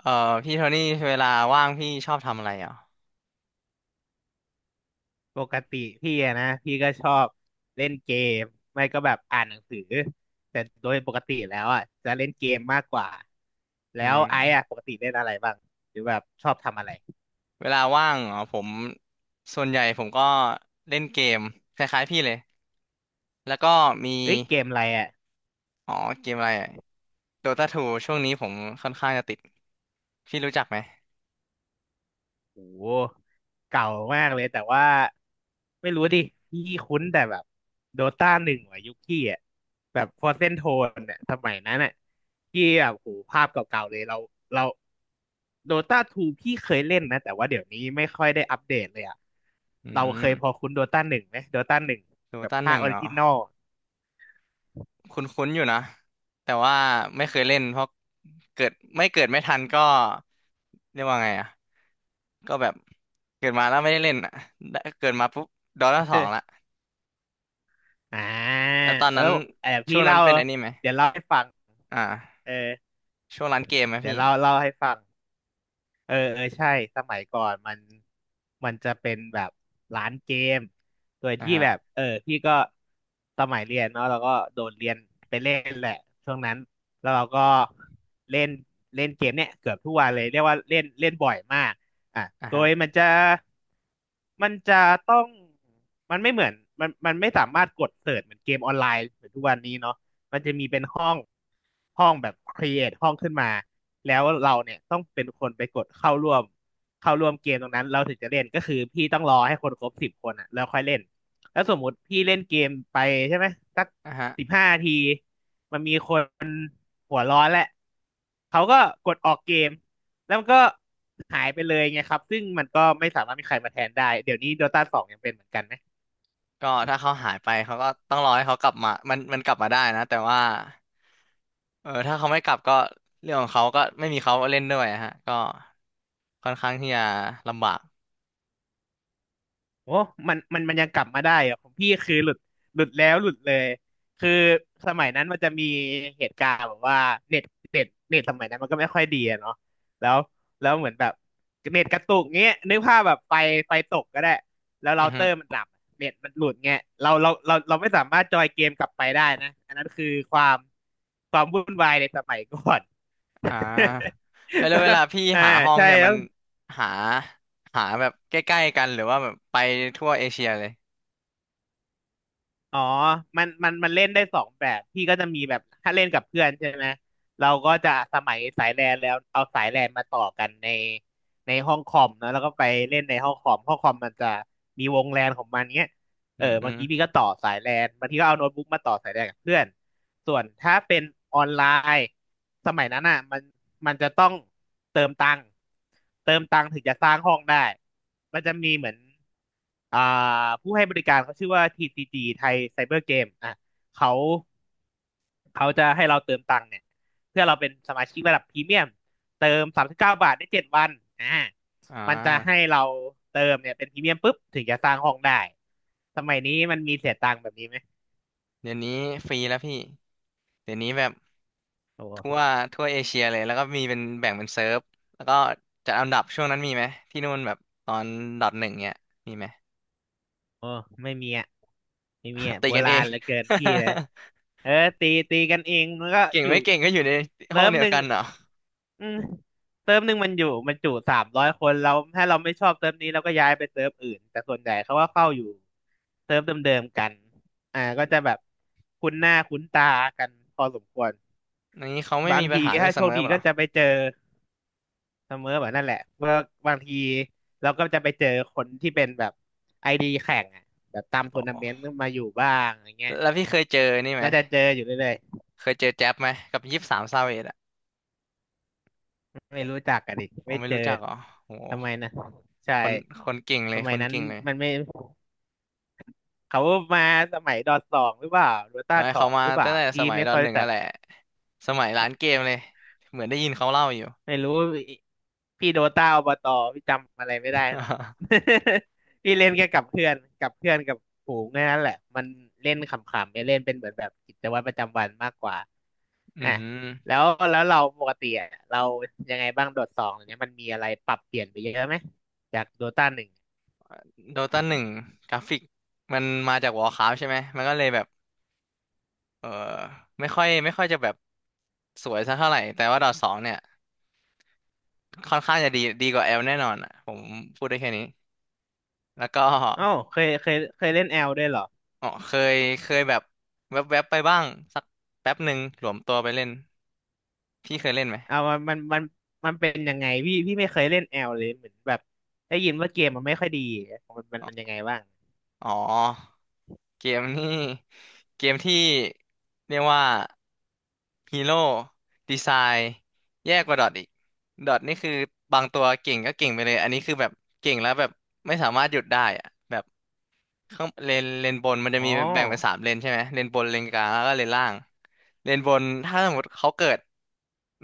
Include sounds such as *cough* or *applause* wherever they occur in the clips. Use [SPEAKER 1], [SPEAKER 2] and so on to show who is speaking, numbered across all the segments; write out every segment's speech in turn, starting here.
[SPEAKER 1] เอ่อพี่โทนี่เวลาว่างพี่ชอบทำอะไรอ่ะ
[SPEAKER 2] ปกติพี่อะนะพี่ก็ชอบเล่นเกมไม่ก็แบบอ่านหนังสือแต่โดยปกติแล้วอ่ะจะเล่นเกมมากกว่าแล้
[SPEAKER 1] อื
[SPEAKER 2] วไอ้อะป
[SPEAKER 1] ม
[SPEAKER 2] กติเล่นอะไรบ้างหรือแบบชอบทำอะไร
[SPEAKER 1] เวลาว่างอ๋อผมส่วนใหญ่ผมก็เล่นเกมคล้ายๆพี่เลยแล้วก็มี
[SPEAKER 2] เฮ้ยเกมอะไรอ่ะ
[SPEAKER 1] อ๋อเกมอะไรโดตาทูช่วงนี้ผมค่อนข้างจะติดพี่รู้จักไหม
[SPEAKER 2] โอ้โหเก่ามากเลยแต่ว่าไม่รู้ดิพี่คุ้นแต่แบบโดตาหนึ่งว่ะยุคพี่อ่ะแบบฟอร์เซนโทนเนี่ยสมัยนั้นอ่ะพี่แบบโหภาพเก่าๆเลยเราเราโดตาทูพี่เคยเล่นนะแต่ว่าเดี๋ยวนี้ไม่ค่อยได้อัปเดตเลยอ่ะ
[SPEAKER 1] อื
[SPEAKER 2] เรา
[SPEAKER 1] ม
[SPEAKER 2] เคยพอคุ้นโดตาหนึ่งไหมโดตาหนึ่ง
[SPEAKER 1] โด
[SPEAKER 2] แบบ
[SPEAKER 1] ตาห
[SPEAKER 2] ภา
[SPEAKER 1] นึ่
[SPEAKER 2] พ
[SPEAKER 1] งอ๋อคุ้นๆอยู่นะแต่ว่าไม่เคยเล่นเพราะเกิดไม่เกิดไม่ทันก็เรียกว่าไงอ่ะก็แบบเกิดมาแล้วไม่ได้เล่นอ่ะได้เกิดมาปุ๊บโดตาสองละ
[SPEAKER 2] *laughs* อ่า
[SPEAKER 1] แล้วตอน
[SPEAKER 2] แล้
[SPEAKER 1] นั้น
[SPEAKER 2] วอ
[SPEAKER 1] ช่
[SPEAKER 2] พี่
[SPEAKER 1] วงนั้
[SPEAKER 2] เล่า
[SPEAKER 1] นเป็นอันนี้ไหม
[SPEAKER 2] เดี๋ยวเล่าให้ฟัง
[SPEAKER 1] อ่า
[SPEAKER 2] อ
[SPEAKER 1] ช่วงร้านเกมไหม
[SPEAKER 2] เดี๋ยว
[SPEAKER 1] พี่
[SPEAKER 2] เล่าให้ฟัง เออเออใช่สมัยก่อนมันมันจะเป็นแบบร้านเกมโดย
[SPEAKER 1] อ่า
[SPEAKER 2] ที่
[SPEAKER 1] ฮะ
[SPEAKER 2] แบบพี่ก็สมัยเรียนเนาะเราก็โดนเรียนไปเล่นแหละช่วงนั้นแล้วเราก็เล่นเล่นเกมเนี่ยเกือบทุกวันเลยเรียกว่าเล่นเล่นบ่อยมากอ่ะ
[SPEAKER 1] อ่า
[SPEAKER 2] โด
[SPEAKER 1] ฮะ
[SPEAKER 2] ยมันจะมันจะต้องมันไม่เหมือนมันไม่สามารถกดเสิร์ชเหมือนเกมออนไลน์เหมือนทุกวันนี้เนาะ มันจะมีเป็นห้องห้องแบบค r e เอทห้องขึ้นมาแล้วเราเนี่ยต้องเป็นคนไปกดเข้าร่วมเกมตรงนั้นเราถึงจะเล่นก็คือพี่ต้องรอให้คนครบ10 คนอ่ะแล้วค่อยเล่นแล้วสมมุติพี่เล่นเกมไปใช่ไหมสัก
[SPEAKER 1] อ่าฮะ
[SPEAKER 2] 15 นาทีมันมีคนหัวร้อนแหละเขาก็กดออกเกมแล้วมันก็หายไปเลยไงครับซึ่งมันก็ไม่สามารถมีใครมาแทนได้เดี๋ยวนี้ Dota 2ยังเป็นเหมือนกันไหม
[SPEAKER 1] ก็ถ้าเขาหายไปเขาก็ต้องรอให้เขากลับมามันกลับมาได้นะแต่ว่าเออถ้าเขาไม่กลับก็เรื่องของเขาก็ไม่มีเขาเล่นด้วยอะฮะก็ค่อนข้างที่จะลำบาก
[SPEAKER 2] โอ้มันยังกลับมาได้อะของพี่คือหลุดแล้วหลุดเลย คือสมัยนั้นมันจะมีเหตุการณ์แบบว่าเน็ตเน็ตสมัยนั้นมันก็ไม่ค่อยดีอะเนาะแล้วแล้วเหมือนแบบเน็ตกระตุกเงี้ยนึกภาพแบบไฟตกก็ได้ แล้วเรา
[SPEAKER 1] อือ
[SPEAKER 2] เต
[SPEAKER 1] ฮึ
[SPEAKER 2] อร์มันดับเน็ตมันหลุดเงี้ยเราไม่สามารถจอยเกมกลับไปได้นะอันนั้นคือความวุ่นวายในสมัยก่อน
[SPEAKER 1] อ่าแล้วแล้วเวลา
[SPEAKER 2] *laughs*
[SPEAKER 1] พี่
[SPEAKER 2] อ่า
[SPEAKER 1] หาห้อง
[SPEAKER 2] ใช่
[SPEAKER 1] เนี่ยมั
[SPEAKER 2] แล้
[SPEAKER 1] น
[SPEAKER 2] ว
[SPEAKER 1] หาหาแบบใกล้ๆกันหรือว่าแบบไปทั่วเอเชียเลย
[SPEAKER 2] อ๋อมันเล่นได้2 แบบพี่ก็จะมีแบบถ้าเล่นกับเพื่อนใช่ไหมเราก็จะสมัยสายแลนแล้วเอา สายแลนมาต่อกันใน ห้องคอมนะแล้วก็ไปเล่นในห้องคอมห้องคอมมันจะมีวงแลนของมันเงี้ย
[SPEAKER 1] อื
[SPEAKER 2] เออ
[SPEAKER 1] มอ
[SPEAKER 2] บาง
[SPEAKER 1] ม
[SPEAKER 2] ทีพี่ก็ต่อสายแลนบางทีก็เอาโน้ตบุ๊กมาต่อสายแลนกับเพื่อนส่วนถ้าเป็นออนไลน์ สมัยนั้นอ่ะมันจะต้องเติมตังค์ถึงจะสร้างห้องได้ มันจะมีเหมือนอ่าผู้ให้บริการเขาชื่อว่า TCG ไทยไซเบอร์เกมอ่ะเขาเขาจะให้เราเติมตังค์เนี่ยเพื่อเราเป็นสมาชิกระดับพรีเมียมเติม39 บาทได้7 วันอ่า
[SPEAKER 1] อ่
[SPEAKER 2] มันจะให้
[SPEAKER 1] า
[SPEAKER 2] เราเติมเนี่ยเป็นพรีเมียมปุ๊บถึงจะสร้างห้องได้สมัยนี้มันมีเสียตังค์แบบนี้ไหม
[SPEAKER 1] เดี๋ยวนี้ฟรีแล้วพี่เดี๋ยวนี้แบบ
[SPEAKER 2] โอ
[SPEAKER 1] ทั่ว
[SPEAKER 2] ้
[SPEAKER 1] ทั่วเอเชียเลยแล้วก็มีเป็นแบ่งเป็นเซิร์ฟแล้วก็จัดอันดับช่วงนั้นมีไหมที่นู่นแบบตอนดอทหนึ่งเนี่ยมีไหม
[SPEAKER 2] โอ้ไม่มีอ่ะไม่มี
[SPEAKER 1] *laughs*
[SPEAKER 2] อ่ะ
[SPEAKER 1] ตี
[SPEAKER 2] โบ
[SPEAKER 1] กันเอ
[SPEAKER 2] รา
[SPEAKER 1] ง
[SPEAKER 2] ณเหลือเกิ
[SPEAKER 1] *laughs*
[SPEAKER 2] นพี่นะเออตีกันเองมันก็
[SPEAKER 1] เก่ง
[SPEAKER 2] อยู่
[SPEAKER 1] ไม่เก่งก็อยู่ในห้
[SPEAKER 2] เติ
[SPEAKER 1] อง
[SPEAKER 2] ม
[SPEAKER 1] เดีย
[SPEAKER 2] ห
[SPEAKER 1] ว
[SPEAKER 2] นึ่ง
[SPEAKER 1] กันเหรอ
[SPEAKER 2] อืมเติมหนึ่งมันอยู่มันจุ300 คนเราถ้าเราไม่ชอบเติมนี้เราก็ย้ายไปเติมอื่นแต่ส่วนใหญ่เขาก็เข้าอยู่เติมเดิมๆกันอ่าก็จะแบบคุ้นหน้าคุ้นตากันพอสมควร
[SPEAKER 1] อย่างนี้เขาไม่
[SPEAKER 2] บา
[SPEAKER 1] มี
[SPEAKER 2] ง
[SPEAKER 1] ปัญ
[SPEAKER 2] ที
[SPEAKER 1] หาเรื่อ
[SPEAKER 2] ถ้า
[SPEAKER 1] งเส
[SPEAKER 2] โช
[SPEAKER 1] เม
[SPEAKER 2] ค
[SPEAKER 1] อ
[SPEAKER 2] ดี
[SPEAKER 1] เหร
[SPEAKER 2] ก็
[SPEAKER 1] อ
[SPEAKER 2] จะไปเจอ เสมอแบบนั่นแหละเมื่อบางทีเราก็จะไปเจอคนที่เป็นแบบไอดีแข่งอ่ะแบบตาม
[SPEAKER 1] อ๋
[SPEAKER 2] ทัว
[SPEAKER 1] อ
[SPEAKER 2] ร์นาเมนต์มาอยู่บ้างอย่างเงี้ย
[SPEAKER 1] แล้วพี่เคยเจอนี่ไหม
[SPEAKER 2] ก็จะเจออยู่เรื่อย
[SPEAKER 1] เคยเจอแจ๊บไหมกับยี่สิบสามซาเวดอ่ะ
[SPEAKER 2] ๆไม่รู้จักกันอีก
[SPEAKER 1] อ๋อ
[SPEAKER 2] ไม่
[SPEAKER 1] ไม่
[SPEAKER 2] เจอ
[SPEAKER 1] รู้จักเหรอโอ้โห
[SPEAKER 2] ทำไมนะใช่
[SPEAKER 1] คนคนเก่งเล
[SPEAKER 2] ส
[SPEAKER 1] ย
[SPEAKER 2] มั
[SPEAKER 1] ค
[SPEAKER 2] ย
[SPEAKER 1] น
[SPEAKER 2] นั้น
[SPEAKER 1] เก่งเลย
[SPEAKER 2] มันไม่เขามาสมัยดอทสองหรือเปล่าโดต้า
[SPEAKER 1] ไม่
[SPEAKER 2] ส
[SPEAKER 1] เขา
[SPEAKER 2] อง
[SPEAKER 1] มา
[SPEAKER 2] หรือเป
[SPEAKER 1] ตั้
[SPEAKER 2] ล่า
[SPEAKER 1] งแต่ส
[SPEAKER 2] พี่
[SPEAKER 1] มัย
[SPEAKER 2] ไม่
[SPEAKER 1] ดอ
[SPEAKER 2] ค่อ
[SPEAKER 1] ท
[SPEAKER 2] ย
[SPEAKER 1] หนึ่
[SPEAKER 2] รู้
[SPEAKER 1] ง
[SPEAKER 2] จั
[SPEAKER 1] นั่
[SPEAKER 2] ก
[SPEAKER 1] นแหละสมัยร้านเกมเลยเหมือนได้ยินเขาเล่าอยู่
[SPEAKER 2] ไม่รู้พี่โดต้าอบตพี่จำอะไรไม่ได้เลย
[SPEAKER 1] *laughs*
[SPEAKER 2] *laughs* พี่เล่นแค่กับเพื่อนกับฝูงแค่นั้นแหละมันเล่นขำๆไม่เล่นเป็นเหมือนแบบกิจวัตรประจำวันมากกว่า
[SPEAKER 1] อื
[SPEAKER 2] อ่ะ
[SPEAKER 1] ม
[SPEAKER 2] แล้วแล้วเราปกติอ่ะเรายังไงบ้างโดดสองเนี่ยมันมีอะไรปรับเปลี่ยนไปเยอะไหมจากโดต้าหนึ่ง
[SPEAKER 1] โดตาหนึ่งกราฟิกมันมาจากวอร์คราฟใช่ไหมมันก็เลยแบบเออไม่ค่อยไม่ค่อยจะแบบสวยสักเท่าไหร่แต่ว่าดอทสองเนี่ยค่อนข้างจะดีดีกว่าแอลแน่นอนอ่ะผมพูดได้แค่นี้แล้วก็
[SPEAKER 2] อ้าวเคยเล่นแอลด้วยเหรอ
[SPEAKER 1] อ๋อเคยแบบแวบๆไปบ้างสักแป๊บหนึ่งหลวมตัวไปเล่นพี่เคยเล่นไหม
[SPEAKER 2] เอามันเป็นยังไงพี่พี่ไม่เคยเล่นแอลเลยเหมือนแบบได้ยินว่าเกมมันไม่ค่อยดีมันยังไงบ้าง
[SPEAKER 1] อ๋อเกมนี่เกมที่เรียกว่าฮีโร่ดีไซน์แย่กว่าดอทอีกดอทนี่คือบางตัวเก่งก็เก่งไปเลยอันนี้คือแบบเก่งแล้วแบบไม่สามารถหยุดได้อะแบบข้างเลนเลนบนมันจะ
[SPEAKER 2] อ๋อ
[SPEAKER 1] มีแบ่งเป็นสามเลนใช่ไหมเลนบนเลนกลางแล้วก็เลนล่างเลนบนถ้าสมมติเขาเกิด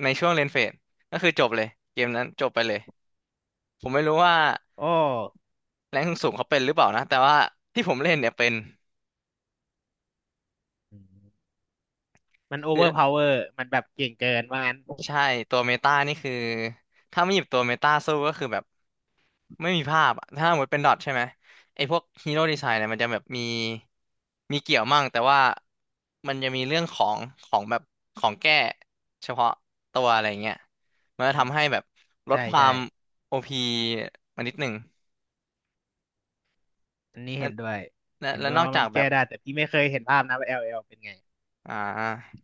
[SPEAKER 1] ในช่วงเลนเฟดก็คือจบเลยเกมนั้นจบไปเลยผมไม่รู้ว่า
[SPEAKER 2] โอ้
[SPEAKER 1] แรงค์สูงเขาเป็นหรือเปล่านะแต่ว่าที่ผมเล่นเนี่ยเป็น
[SPEAKER 2] อืมมันโอเวอร์พาวเวอร์มันแบบเก่งเกินว่างั้น
[SPEAKER 1] ใช่ตัวเมตานี่คือถ้าไม่หยิบตัวเมตาสู้ก็คือแบบไม่มีภาพอะถ้าหมดเป็นดอทใช่ไหมไอ้พวกฮีโร่ดีไซน์เนี่ยมันจะแบบมีเกี่ยวมั่งแต่ว่ามันจะมีเรื่องของของแบบของแก้เฉพาะตัวอะไรเงี้ยมันจะ
[SPEAKER 2] อืม
[SPEAKER 1] ทำให้แบบลด
[SPEAKER 2] ใช่
[SPEAKER 1] ควา
[SPEAKER 2] ใช่
[SPEAKER 1] มโอพีมานิดหนึ่ง
[SPEAKER 2] อันนี้
[SPEAKER 1] และ
[SPEAKER 2] เห็นด้วย
[SPEAKER 1] และ
[SPEAKER 2] เห็น
[SPEAKER 1] และ
[SPEAKER 2] ด้ว
[SPEAKER 1] น
[SPEAKER 2] ย
[SPEAKER 1] อก
[SPEAKER 2] ว่ามั
[SPEAKER 1] จา
[SPEAKER 2] น
[SPEAKER 1] กแบ
[SPEAKER 2] แก้
[SPEAKER 1] บ
[SPEAKER 2] ได้แต่พี่ไม่เคยเห็นภาพนะว่า LL เป็นไง
[SPEAKER 1] อ่า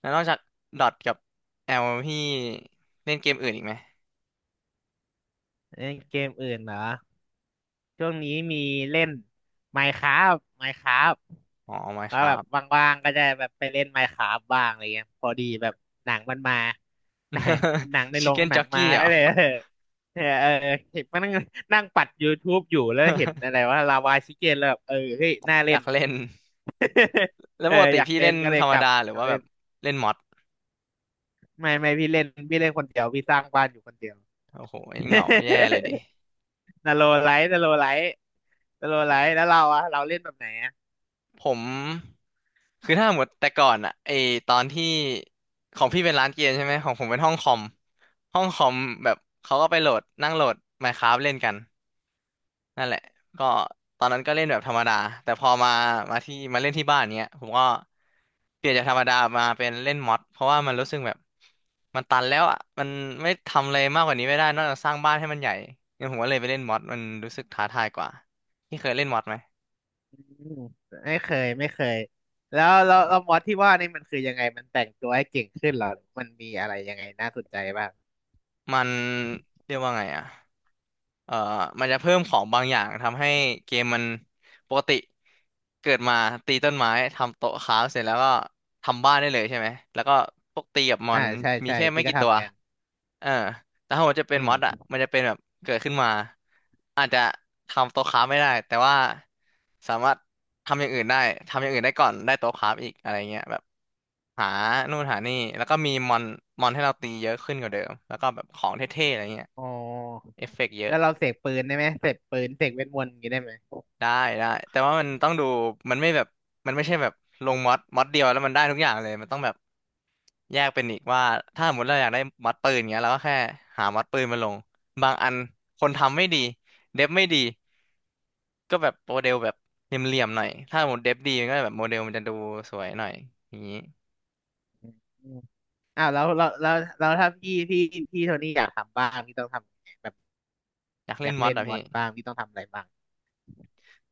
[SPEAKER 1] แล้วนอกจากดอทกับแอลพี่เล่นเกมอื่นอีกไหม
[SPEAKER 2] เล่นเกมอื่นเหรอช่วงนี้มีเล่น Minecraft
[SPEAKER 1] อ๋อไม่
[SPEAKER 2] แล้
[SPEAKER 1] ค
[SPEAKER 2] ว
[SPEAKER 1] รั
[SPEAKER 2] แบบ
[SPEAKER 1] บ
[SPEAKER 2] ว่างๆก็จะแบบไปเล่น Minecraft บ้างอะไรเงี้ยพอดีแบบหนังมันมา *laughs* หนังหนังใน
[SPEAKER 1] *laughs*
[SPEAKER 2] โร
[SPEAKER 1] ชิค
[SPEAKER 2] ง
[SPEAKER 1] เก้น
[SPEAKER 2] หนั
[SPEAKER 1] จ็
[SPEAKER 2] ง
[SPEAKER 1] อก
[SPEAKER 2] มา
[SPEAKER 1] กี้เหร
[SPEAKER 2] ก็
[SPEAKER 1] อ
[SPEAKER 2] เลยเออ *laughs* เออเห็นมันนั่งนั่งปัด YouTube อยู่แล้วเห็นอะไรว่าลาวาชิเกนแล้วแบบเออเฮ้ยน่า
[SPEAKER 1] อ
[SPEAKER 2] เล่
[SPEAKER 1] ยา
[SPEAKER 2] น
[SPEAKER 1] ก
[SPEAKER 2] ว่ะ
[SPEAKER 1] เล่น *laughs* แล้
[SPEAKER 2] *laughs*
[SPEAKER 1] ว
[SPEAKER 2] เออ
[SPEAKER 1] ปกติ
[SPEAKER 2] อยาก
[SPEAKER 1] พี่
[SPEAKER 2] เล่
[SPEAKER 1] เล่
[SPEAKER 2] น
[SPEAKER 1] น
[SPEAKER 2] ก็เลย
[SPEAKER 1] ธรร
[SPEAKER 2] ก
[SPEAKER 1] ม
[SPEAKER 2] ลับ
[SPEAKER 1] ดาหรือ
[SPEAKER 2] มา
[SPEAKER 1] ว่า
[SPEAKER 2] เล่
[SPEAKER 1] แบ
[SPEAKER 2] น
[SPEAKER 1] บเล่นมอด
[SPEAKER 2] ไม่พี่เล่นคนเดียวพี่สร้างบ้านอยู่คนเดียว
[SPEAKER 1] โอ้โหเหงาแย่เลยดิ
[SPEAKER 2] *laughs* นาโลไลท์นาโลไลท์นาโล
[SPEAKER 1] โอ้โห
[SPEAKER 2] ไลท์แล้วเราเล่นแบบไหนอะ
[SPEAKER 1] ผม คือถ้าหมดแต่ก่อนอะไอตอนที่ของพี่เป็นร้านเกมใช่ไหม ของผมเป็นห้องคอม ห้องคอมแบบเขาก็ไปโหลดนั่งโหลด Minecraft เล่นกัน นั่นแหละก็ตอนนั้นก็เล่นแบบธรรมดาแต่พอมามาที่มาเล่นที่บ้านเนี้ยผมก็เปลี่ยนจากธรรมดามาเป็นเล่นม็อดเพราะว่ามันรู้สึกแบบมันตันแล้วอ่ะมันไม่ทำอะไรมากกว่านี้ไม่ได้นอกจากสร้างบ้านให้มันใหญ่งั้นผมก็เลยไปเล่นม็อดมันรู้สึกท้าทายกว่าที่เคยเล่นม็อดไหม
[SPEAKER 2] อืมไม่เคยแล้วแล้วแล้วมอสที่ว่านี่มันคือยังไงมันแต่งตัวให้เก่งขึ้นเหรอมันมีอะไรยังไงน่าสนใจบ้าง
[SPEAKER 1] มันเรียกว่าไงอ่ะ เอ่อมันจะเพิ่มของบางอย่างทำให้เกมมันปกติเกิดมาตีต้นไม้ทำโต๊ะค้าฟเสร็จแล้วก็ทำบ้านได้เลยใช่ไหมแล้วก็พวกตีกับมอ
[SPEAKER 2] อ่า
[SPEAKER 1] น
[SPEAKER 2] ใช่
[SPEAKER 1] มี
[SPEAKER 2] ใช่
[SPEAKER 1] แค่ไม่
[SPEAKER 2] พี่ก็
[SPEAKER 1] กี่ตัว
[SPEAKER 2] ทำกัน
[SPEAKER 1] เออแต่ถ้ามันจะเป็
[SPEAKER 2] อื
[SPEAKER 1] นมอดอ่ะ
[SPEAKER 2] ม
[SPEAKER 1] มันจะเป็นแบบเกิดขึ้นมาอาจจะทำโต๊ะค้าฟไม่ได้แต่ว่าสามารถทำอย่างอื่นได้ทำอย่างอื่นได้ก่อนได้โต๊ะค้าฟอีกอะไรเงี้ยแบบหานู่นหานี่แล้วก็มีมอนมอนให้เราตีเยอะขึ้นกว่าเดิมแล้วก็แบบของเท่ๆอะไรเงี้ย
[SPEAKER 2] อ๋อ
[SPEAKER 1] เอฟเฟกต์เยอะ
[SPEAKER 2] แล้วเราเสกปืนได้ไหมเสกเวทมนต์อย่างนี้ได้ไหม
[SPEAKER 1] ได้ได้แต่ว่ามันต้องดูมันไม่แบบมันไม่ใช่แบบลงม็อดม็อดเดียวแล้วมันได้ทุกอย่างเลยมันต้องแบบแยกเป็นอีกว่าถ้าสมมติเราอยากได้ม็อดปืนเงี้ยเราก็แค่หาม็อดปืนมาลงบางอันคนทำไม่ดีเดฟไม่ดีก็แบบโมเดลแบบเหลี่ยมๆหน่อยถ้าสมมติเดฟดีมันก็แบบโมเดลมันจะดูสวยหน่อยอย่างนี้
[SPEAKER 2] อืมอมอ้าวแล้วถ้าพี่โทนี่อยากทำบ้างพี่ต้องทำยังไงแบบ
[SPEAKER 1] อยาก
[SPEAKER 2] อ
[SPEAKER 1] เล่
[SPEAKER 2] ยา
[SPEAKER 1] น
[SPEAKER 2] ก
[SPEAKER 1] ม็อด
[SPEAKER 2] เล่น
[SPEAKER 1] อ่ะ
[SPEAKER 2] ม
[SPEAKER 1] พี่
[SPEAKER 2] อสบ้างพี่ต้องทำอะไรบ้าง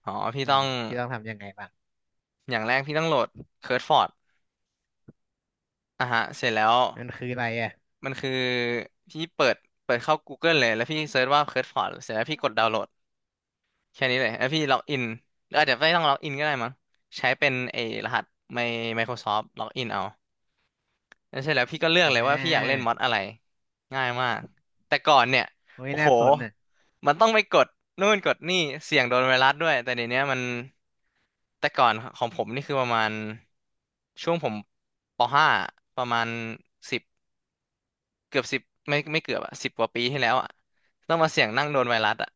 [SPEAKER 1] อ๋อพี่
[SPEAKER 2] อื
[SPEAKER 1] ต้อ
[SPEAKER 2] ม
[SPEAKER 1] ง
[SPEAKER 2] พี่ต้องทำยังไงบ้าง
[SPEAKER 1] อย่างแรกพี่ต้องโหลดเคิร์ดฟอร์ดอ่ะฮะเสร็จแล้ว
[SPEAKER 2] มันคืออะไรอ่ะ
[SPEAKER 1] มันคือพี่เปิดเข้า Google เลยแล้วพี่เซิร์ชว่าเคิร์ดฟอร์ดเสร็จแล้วพี่กดดาวน์โหลด แค่นี้เลยแล้วพี่ล็อกอินหรืออาจจะไม่ต้องล็อกอินก็ได้มั้งใช้เป็นไอ้รหัสใน Microsoft ล็อกอินเอาแล้วเสร็จแล้วพี่ก็เลือก
[SPEAKER 2] อ่
[SPEAKER 1] เลยว่าพี่อยากเล่น
[SPEAKER 2] า
[SPEAKER 1] มอดอะไรง่ายมากแต่ก่อนเนี่ย
[SPEAKER 2] โอ้ย
[SPEAKER 1] โอ้
[SPEAKER 2] น่า
[SPEAKER 1] โห
[SPEAKER 2] สนอ่ะ
[SPEAKER 1] มันต้องไปกดนู่นกดนี่เสี่ยงโดนไวรัสด้วยแต่เดี๋ยวนี้มันแต่ก่อนของผมนี่คือประมาณช่วงผมป .5 ประมาณสิบเกือบสิบไม่เกือบอะสิบกว่าปีที่แล้วอะต้องมาเสี่ยงนั่งโดนไวรัสอะ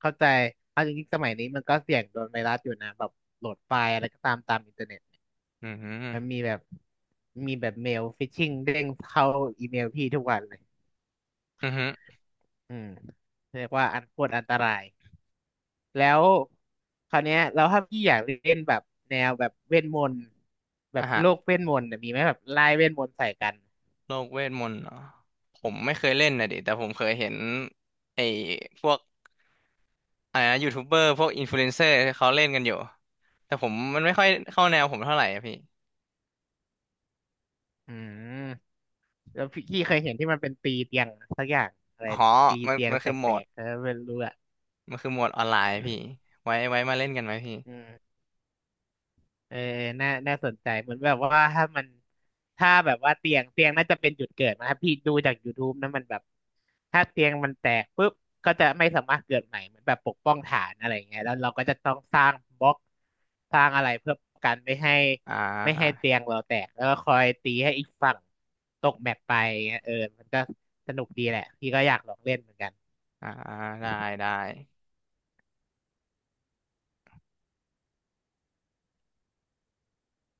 [SPEAKER 2] เข้าใจเอาจริงๆสมัยนี้มันก็เสี่ยงโดนไวรัสอยู่นะแบบโหลดไฟล์อะไรก็ตามอินเทอร์เน็ต
[SPEAKER 1] อือหือ
[SPEAKER 2] มันมีแบบมีแบบเมลฟิชชิงเด้งเข้าอีเมลพี่ทุกวันเลย
[SPEAKER 1] อือหื
[SPEAKER 2] อืมเรียกว่าอันโคตรอันตรายแล้วคราวเนี้ยแล้วถ้าพี่อยากเล่นแบบแนวแบบเวทมนต์แบบโลก
[SPEAKER 1] อ่ะ
[SPEAKER 2] เวทมนต์เนี่ยมีไหมแบบไล่เวทมนต์ใส่กัน
[SPEAKER 1] โลกเวทมนต์เหรอผมไม่เคยเล่นนะดิแต่ผมเคยเห็นไอ้พวกอะไรนะยูทูบเบอร์พวกอินฟลูเอนเซอร์เขาเล่นกันอยู่แต่ผมมันไม่ค่อยเข้าแนวผมเท่าไหร่อะพี่
[SPEAKER 2] อืมแล้วพี่เคยเห็นที่มันเป็นตีเตียงสักอย่างอะไร
[SPEAKER 1] อ๋อ
[SPEAKER 2] ตี
[SPEAKER 1] มัน
[SPEAKER 2] เตียง
[SPEAKER 1] มัน
[SPEAKER 2] แต
[SPEAKER 1] คือโหมด
[SPEAKER 2] กๆเออไม่รู้อะ
[SPEAKER 1] มันคือโหมดออนไลน์พี่ไว้มาเล่นกันไหมพี่
[SPEAKER 2] อืม เออน่าสนใจเหมือนแบบว่าถ้ามันถ้าแบบว่าเตียงน่าจะเป็นจุดเกิดนะครับพี่ดูจาก YouTube นะมันแบบถ้าเตียงมันแตกปุ๊บก็จะไม่สามารถเกิดใหม่เหมือนแบบปกป้องฐานอะไรอย่างเงี้ยแล้วเราก็จะต้องสร้างบล็อก สร้างอะไรเพื่อกัน
[SPEAKER 1] อ่
[SPEAKER 2] ไม่ให้
[SPEAKER 1] า
[SPEAKER 2] เตียงเราแตก แล้วก็คอยตีให้อีกฝั่งตกแมปไปเงี้ยเออมันก็สนุกดีแหละ พี่ก็อยากลองเล่นเหมือนกัน
[SPEAKER 1] อ่าอ่าได้ได้